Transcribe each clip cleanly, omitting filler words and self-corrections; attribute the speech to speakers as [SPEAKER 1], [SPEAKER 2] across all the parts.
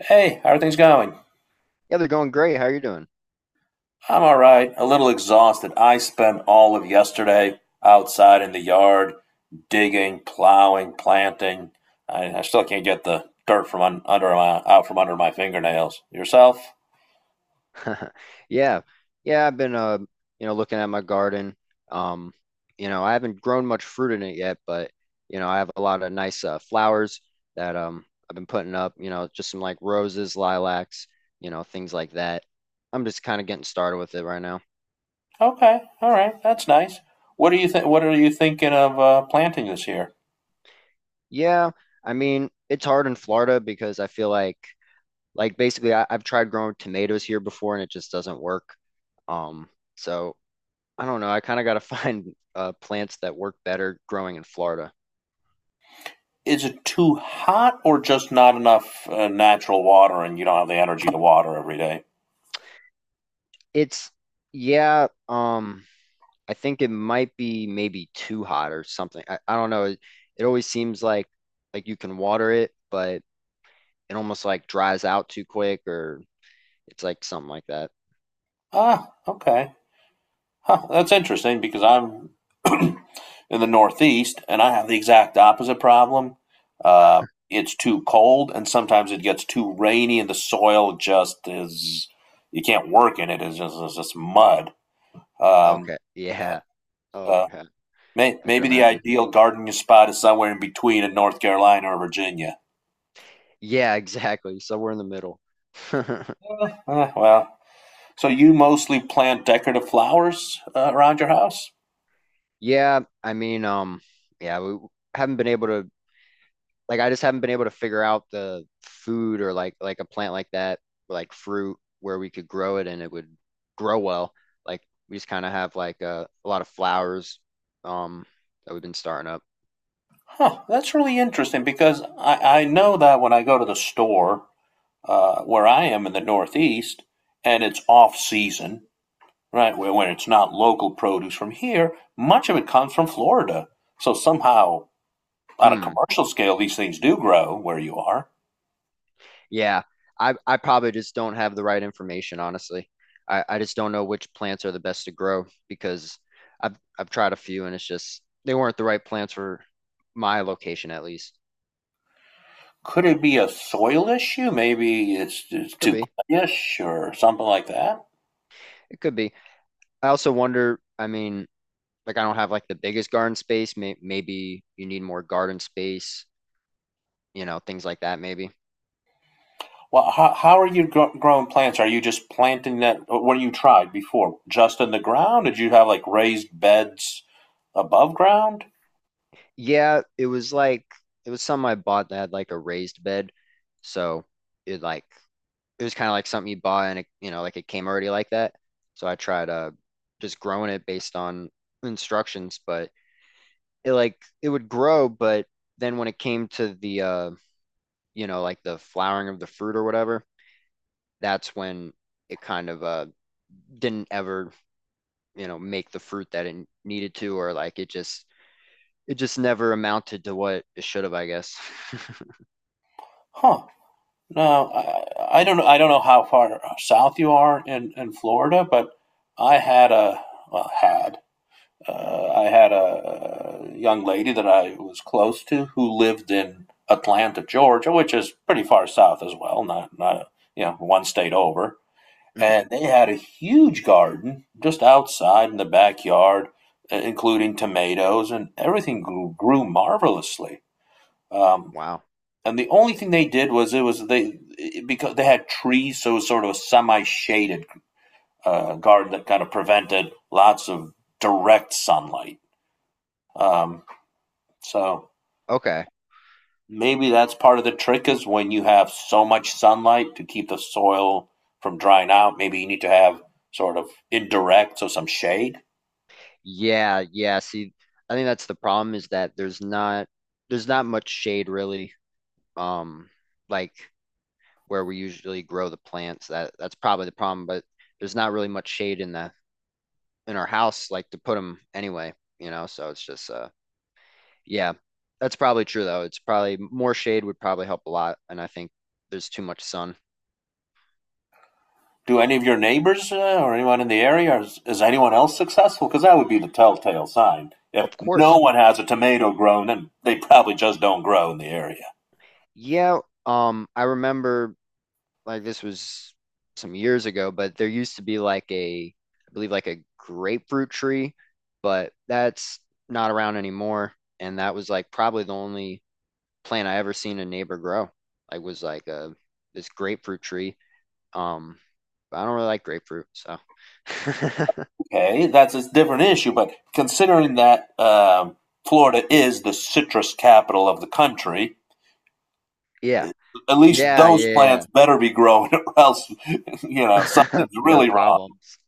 [SPEAKER 1] Hey, how are things going?
[SPEAKER 2] Yeah, they're going great. How are you doing?
[SPEAKER 1] I'm all right. A little exhausted. I spent all of yesterday outside in the yard digging, plowing, planting. I still can't get the dirt from under my out from under my fingernails. Yourself?
[SPEAKER 2] Yeah. Yeah, I've been looking at my garden. Um, I haven't grown much fruit in it yet, but I have a lot of nice flowers that I've been putting up, just some like roses, lilacs, things like that. I'm just kind of getting started with it right now.
[SPEAKER 1] Okay, all right. That's nice. What are you thinking of planting this year?
[SPEAKER 2] Yeah, I mean, it's hard in Florida because I feel like basically I've tried growing tomatoes here before and it just doesn't work. Um, so I don't know. I kind of got to find plants that work better growing in Florida.
[SPEAKER 1] Is it too hot or just not enough natural water, and you don't have the energy to water every day?
[SPEAKER 2] It's yeah. I think it might be maybe too hot or something. I don't know. It always seems like you can water it, but it almost like dries out too quick, or it's like something like that.
[SPEAKER 1] Ah, okay. Huh, that's interesting because I'm in the Northeast and I have the exact opposite problem. Uh, it's too cold and sometimes it gets too rainy and the soil just is, you can't work in it. It's just mud. Um,
[SPEAKER 2] Okay.
[SPEAKER 1] yeah,
[SPEAKER 2] Yeah. Oh
[SPEAKER 1] so
[SPEAKER 2] God. I could
[SPEAKER 1] maybe the
[SPEAKER 2] imagine.
[SPEAKER 1] ideal gardening spot is somewhere in between in North Carolina or Virginia.
[SPEAKER 2] Yeah. Exactly. So we're in the middle.
[SPEAKER 1] Eh, well, so you mostly plant decorative flowers around your house?
[SPEAKER 2] Yeah. I mean, yeah. We haven't been able to like I just haven't been able to figure out the food or like a plant like that, like fruit where we could grow it and it would grow well. Like we just kind of have like a lot of flowers um that we've been starting up.
[SPEAKER 1] Huh, that's really interesting because I know that when I go to the store, where I am in the Northeast, and it's off season, right? Where when it's not local produce from here, much of it comes from Florida. So somehow, on a
[SPEAKER 2] Hmm.
[SPEAKER 1] commercial scale, these things do grow where you are.
[SPEAKER 2] Yeah. I probably just don't have the right information, honestly. I just don't know which plants are the best to grow because I've tried a few and it's just they weren't the right plants for my location at least.
[SPEAKER 1] Could it be a soil issue? Maybe it's
[SPEAKER 2] Could
[SPEAKER 1] too
[SPEAKER 2] be.
[SPEAKER 1] clayish or something like that.
[SPEAKER 2] It could be. I also wonder, I mean, like I don't have like the biggest garden space. Maybe you need more garden space, things like that, maybe.
[SPEAKER 1] Well, how are you growing plants? Are you just planting that? What you tried before? Just in the ground? Did you have like raised beds above ground?
[SPEAKER 2] Yeah, it was like it was something I bought that had like a raised bed. So it like it was kind of like something you buy and it, like it came already like that. So I tried just growing it based on instructions, but it like it would grow, but then when it came to the like the flowering of the fruit or whatever, that's when it kind of didn't ever make the fruit that it needed to or like it just never amounted to what it should have, I guess.
[SPEAKER 1] Huh. No, I don't know. I don't know how far south you are in Florida, but I had a well, had I had a young lady that I was close to who lived in Atlanta, Georgia, which is pretty far south as well, not not you know one state over. And they had a huge garden just outside in the backyard, including tomatoes, and everything grew marvelously. Um,
[SPEAKER 2] Wow.
[SPEAKER 1] and the only thing they did was it was they because they had trees, so it was sort of a semi-shaded garden that kind of prevented lots of direct sunlight. Um, so
[SPEAKER 2] Okay.
[SPEAKER 1] maybe that's part of the trick is when you have so much sunlight to keep the soil from drying out. Maybe you need to have sort of indirect, so some shade.
[SPEAKER 2] Yeah, yeah, see, I think that's the problem is that there's not much shade really. um like where we usually grow the plants, that that's probably the problem, but there's not really much shade in the in our house like to put them anyway, so it's just yeah, that's probably true though. It's probably more shade would probably help a lot, and I think there's too much sun.
[SPEAKER 1] Do any of your neighbors or anyone in the area, is anyone else successful? Because that would be the telltale sign. If
[SPEAKER 2] Of
[SPEAKER 1] no
[SPEAKER 2] course.
[SPEAKER 1] one has a tomato grown, then they probably just don't grow in the area.
[SPEAKER 2] Yeah, I remember like this was some years ago, but there used to be like I believe like a grapefruit tree, but that's not around anymore. And that was like probably the only plant I ever seen a neighbor grow. Like was like a This grapefruit tree. Um, but I don't really like grapefruit, so
[SPEAKER 1] Okay, that's a different issue, but considering that Florida is the citrus capital of the country,
[SPEAKER 2] yeah,
[SPEAKER 1] at least
[SPEAKER 2] yeah,
[SPEAKER 1] those plants
[SPEAKER 2] yeah,
[SPEAKER 1] better be growing, or else, you know,
[SPEAKER 2] yeah.
[SPEAKER 1] something's
[SPEAKER 2] We got
[SPEAKER 1] really
[SPEAKER 2] problems.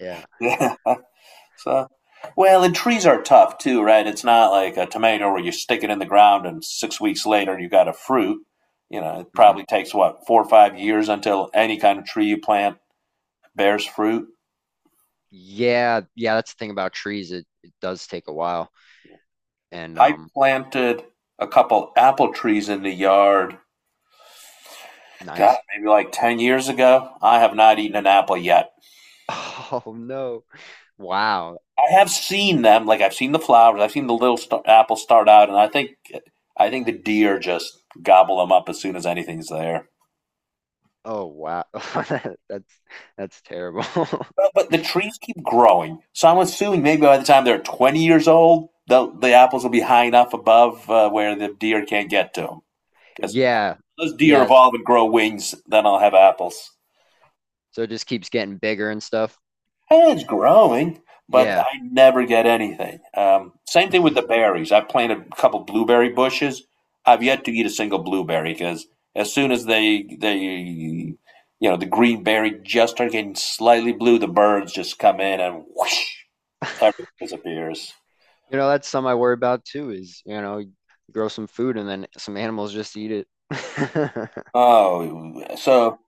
[SPEAKER 2] Yeah.
[SPEAKER 1] wrong. So, well, and trees are tough too, right? It's not like a tomato where you stick it in the ground and 6 weeks later you got a fruit. You know, it
[SPEAKER 2] Hmm.
[SPEAKER 1] probably takes what 4 or 5 years until any kind of tree you plant bears fruit.
[SPEAKER 2] Yeah, yeah, that's the thing about trees. It does take a while. And
[SPEAKER 1] I planted a couple apple trees in the yard. God,
[SPEAKER 2] nice.
[SPEAKER 1] maybe like 10 years ago. I have not eaten an apple yet.
[SPEAKER 2] Oh no. Wow.
[SPEAKER 1] I have seen them, like I've seen the flowers. I've seen the little apples start out, and I think the deer just gobble them up as soon as anything's there.
[SPEAKER 2] Oh wow. That's terrible.
[SPEAKER 1] Well, but the trees keep growing, so I'm assuming maybe by the time they're 20 years old, the apples will be high enough above where the deer can't get to them. Because
[SPEAKER 2] Yeah.
[SPEAKER 1] those deer
[SPEAKER 2] Yes.
[SPEAKER 1] evolve and grow wings, then I'll have apples.
[SPEAKER 2] So it just keeps getting bigger and stuff.
[SPEAKER 1] And it's growing, but
[SPEAKER 2] Yeah.
[SPEAKER 1] I never get anything. Same thing with the berries. I planted a couple blueberry bushes. I've yet to eat a single blueberry because as soon as they you know the green berry just start getting slightly blue, the birds just come in and whoosh, everything disappears.
[SPEAKER 2] You know, that's something I worry about too is, you know, you grow some food and then some animals just eat it.
[SPEAKER 1] Oh, so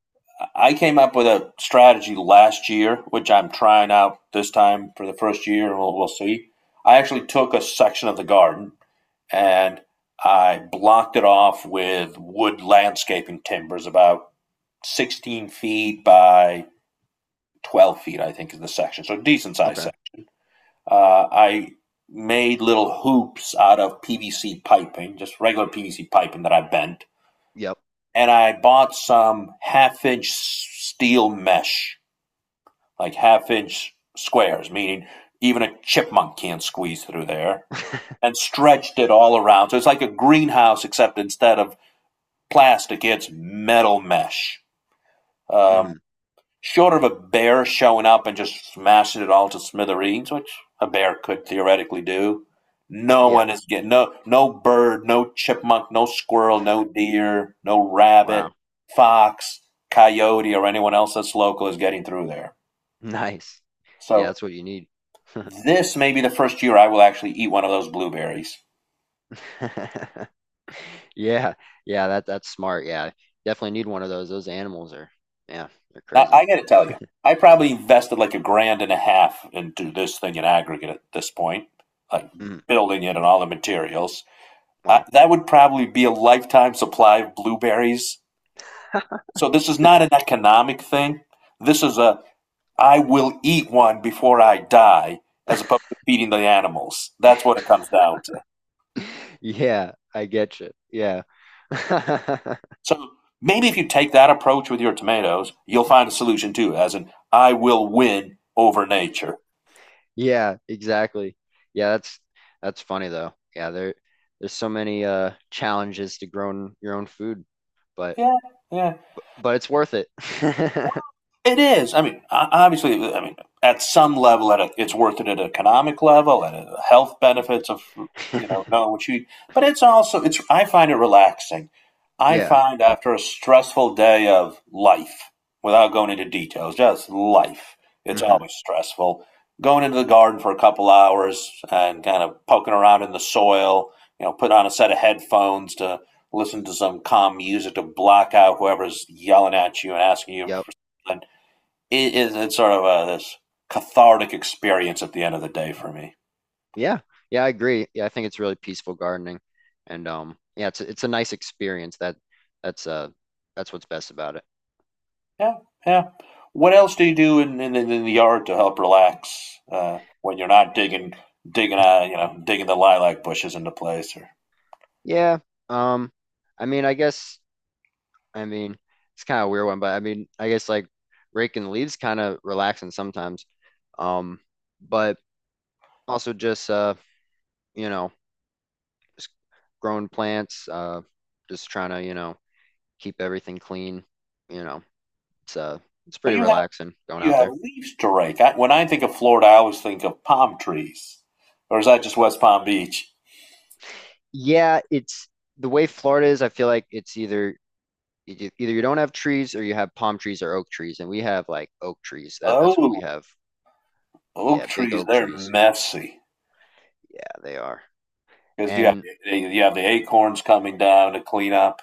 [SPEAKER 1] I came up with a strategy last year, which I'm trying out this time for the first year. We'll see. I actually took a section of the garden and I blocked it off with wood landscaping timbers, about 16 feet by 12 feet, I think is the section. So decent size
[SPEAKER 2] Okay.
[SPEAKER 1] section. I made little hoops out of PVC piping, just regular PVC piping that I bent
[SPEAKER 2] Yep.
[SPEAKER 1] and I bought some half inch steel mesh, like half inch squares, meaning even a chipmunk can't squeeze through there, and stretched it all around. So it's like a greenhouse, except instead of plastic, it's metal mesh. Um,
[SPEAKER 2] Mhm.
[SPEAKER 1] Short of a bear showing up and just smashing it all to smithereens, which a bear could theoretically do, no
[SPEAKER 2] Yeah.
[SPEAKER 1] one is getting no bird, no chipmunk, no squirrel, no deer, no rabbit,
[SPEAKER 2] Wow.
[SPEAKER 1] fox, coyote, or anyone else that's local is getting through there.
[SPEAKER 2] Nice. Yeah,
[SPEAKER 1] So
[SPEAKER 2] that's what you need.
[SPEAKER 1] this may be the first year I will actually eat one of those blueberries.
[SPEAKER 2] Yeah, yeah, that that's smart. Yeah, definitely need one of those. Those animals are, yeah, they're
[SPEAKER 1] Now,
[SPEAKER 2] crazy.
[SPEAKER 1] I got to tell you, I probably invested like a grand and a half into this thing in aggregate at this point, like
[SPEAKER 2] Mm,
[SPEAKER 1] building it and all the materials.
[SPEAKER 2] wow.
[SPEAKER 1] That would probably be a lifetime supply of blueberries. So this is not an economic thing. This is a I will eat one before I die, as opposed to feeding the animals. That's what it comes down to.
[SPEAKER 2] Yeah, I get you. Yeah.
[SPEAKER 1] So maybe if you take that approach with your tomatoes, you'll find a solution too, as in I will win over nature.
[SPEAKER 2] Yeah, exactly. Yeah, that's funny though. Yeah, there there's so many challenges to growing your own food, but
[SPEAKER 1] Yeah, yeah.
[SPEAKER 2] but it's worth it.
[SPEAKER 1] It is. I mean, obviously, I mean, at some level, at a, it's worth it at an economic level, at a health benefits of you know knowing what you. Eat. But it's also it's. I find it relaxing. I
[SPEAKER 2] Yeah.
[SPEAKER 1] find after a stressful day of life, without going into details, just life. It's
[SPEAKER 2] Hmm.
[SPEAKER 1] always stressful. Going into the garden for a couple hours and kind of poking around in the soil. You know, put on a set of headphones to listen to some calm music to block out whoever's yelling at you and asking you.
[SPEAKER 2] Yep.
[SPEAKER 1] And it is it's sort of a, this cathartic experience at the end of the day for me.
[SPEAKER 2] Yeah, yeah, I agree. Yeah, I think it's really peaceful gardening, and yeah, it's a nice experience. That that's uh that's what's best about it.
[SPEAKER 1] Yeah, yeah. What else do you do in in the yard to help relax when you're not digging you know digging the lilac bushes into place or
[SPEAKER 2] Yeah. Um, I mean, I guess I mean it's kind of a weird one, but I mean, I guess like raking the leaves kind of relaxing sometimes. Um, but also just you know, just growing plants. Just trying to keep everything clean. You know, it's uh it's
[SPEAKER 1] so
[SPEAKER 2] pretty relaxing going
[SPEAKER 1] you
[SPEAKER 2] out
[SPEAKER 1] have
[SPEAKER 2] there.
[SPEAKER 1] leaves to rake. I, when I think of Florida, I always think of palm trees, or is that just West Palm Beach?
[SPEAKER 2] Yeah, it's the way Florida is. I feel like it's either either you don't have trees or you have palm trees or oak trees, and we have like oak trees. That's what we
[SPEAKER 1] Oh,
[SPEAKER 2] have.
[SPEAKER 1] oak
[SPEAKER 2] Yeah, big
[SPEAKER 1] trees,
[SPEAKER 2] oak
[SPEAKER 1] they're
[SPEAKER 2] trees.
[SPEAKER 1] messy
[SPEAKER 2] Yeah, they are.
[SPEAKER 1] because
[SPEAKER 2] And
[SPEAKER 1] you have the acorns coming down to clean up.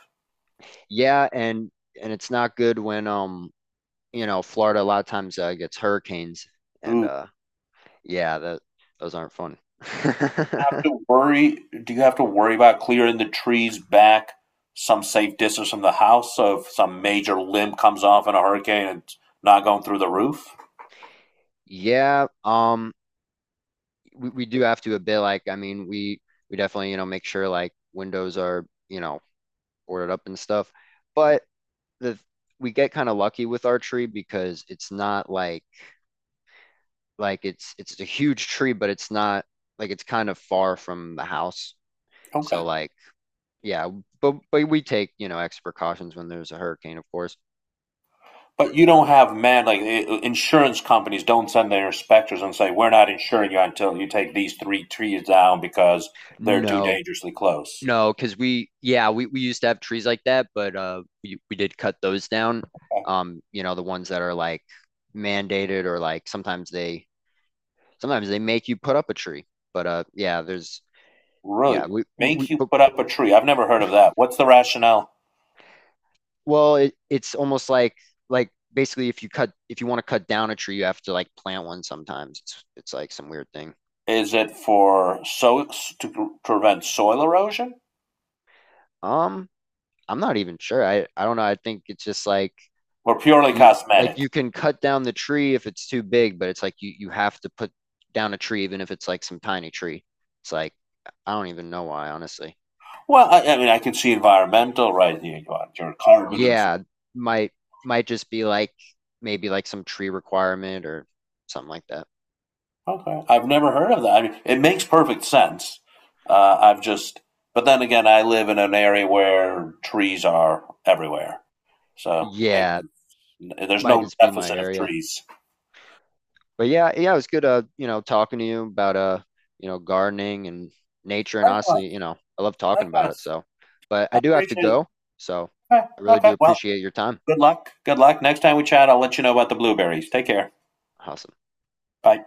[SPEAKER 2] yeah, and it's not good when Florida a lot of times gets hurricanes, and
[SPEAKER 1] Ooh.
[SPEAKER 2] yeah, that those aren't fun.
[SPEAKER 1] Have to worry? Do you have to worry about clearing the trees back some safe distance from the house so if some major limb comes off in a hurricane and it's not going through the roof?
[SPEAKER 2] Yeah, we do have to a bit like I mean we definitely make sure like windows are boarded up and stuff, but the we get kind of lucky with our tree because it's not like it's a huge tree, but it's not like it's kind of far from the house.
[SPEAKER 1] Okay.
[SPEAKER 2] So like yeah, but we take, you know, extra precautions when there's a hurricane, of course.
[SPEAKER 1] But you don't have man like insurance companies don't send their inspectors and say we're not insuring you until you take these three trees down because they're too
[SPEAKER 2] No.
[SPEAKER 1] dangerously close.
[SPEAKER 2] No, because we yeah, we used to have trees like that, but we did cut those down.
[SPEAKER 1] Okay.
[SPEAKER 2] You know, the ones that are like mandated or like sometimes they make you put up a tree. But yeah, there's yeah,
[SPEAKER 1] Really
[SPEAKER 2] we
[SPEAKER 1] make you
[SPEAKER 2] but
[SPEAKER 1] put up a tree? I've never heard of that. What's the rationale?
[SPEAKER 2] well, it, it's almost like basically if you cut if you want to cut down a tree, you have to like plant one sometimes. It's like some weird thing.
[SPEAKER 1] Is it for so to prevent soil erosion
[SPEAKER 2] Um, I'm not even sure. I don't know. I think it's just
[SPEAKER 1] or purely
[SPEAKER 2] you like
[SPEAKER 1] cosmetic?
[SPEAKER 2] you can cut down the tree if it's too big, but it's like you have to put down a tree even if it's like some tiny tree. It's like I don't even know why, honestly.
[SPEAKER 1] Well, I mean, I can see environmental, right? You want Your carbon
[SPEAKER 2] Yeah, might might just be like maybe like some tree requirement or something like that.
[SPEAKER 1] Okay. I've never heard of that. I mean, it makes perfect sense. I've just, but then again, I live in an area where trees are everywhere. So maybe
[SPEAKER 2] Yeah,
[SPEAKER 1] there's
[SPEAKER 2] might
[SPEAKER 1] no
[SPEAKER 2] just be my
[SPEAKER 1] deficit of
[SPEAKER 2] area.
[SPEAKER 1] trees.
[SPEAKER 2] But yeah, yeah, it was good talking to you about you know, gardening and nature and
[SPEAKER 1] Likewise.
[SPEAKER 2] honestly, you know, I love talking about it.
[SPEAKER 1] Likewise.
[SPEAKER 2] So, but I
[SPEAKER 1] I
[SPEAKER 2] do have to
[SPEAKER 1] appreciate it.
[SPEAKER 2] go. So
[SPEAKER 1] Okay.
[SPEAKER 2] I really do
[SPEAKER 1] Okay. Well,
[SPEAKER 2] appreciate your time.
[SPEAKER 1] good luck. Good luck. Next time we chat, I'll let you know about the blueberries. Take care.
[SPEAKER 2] Awesome.
[SPEAKER 1] Bye.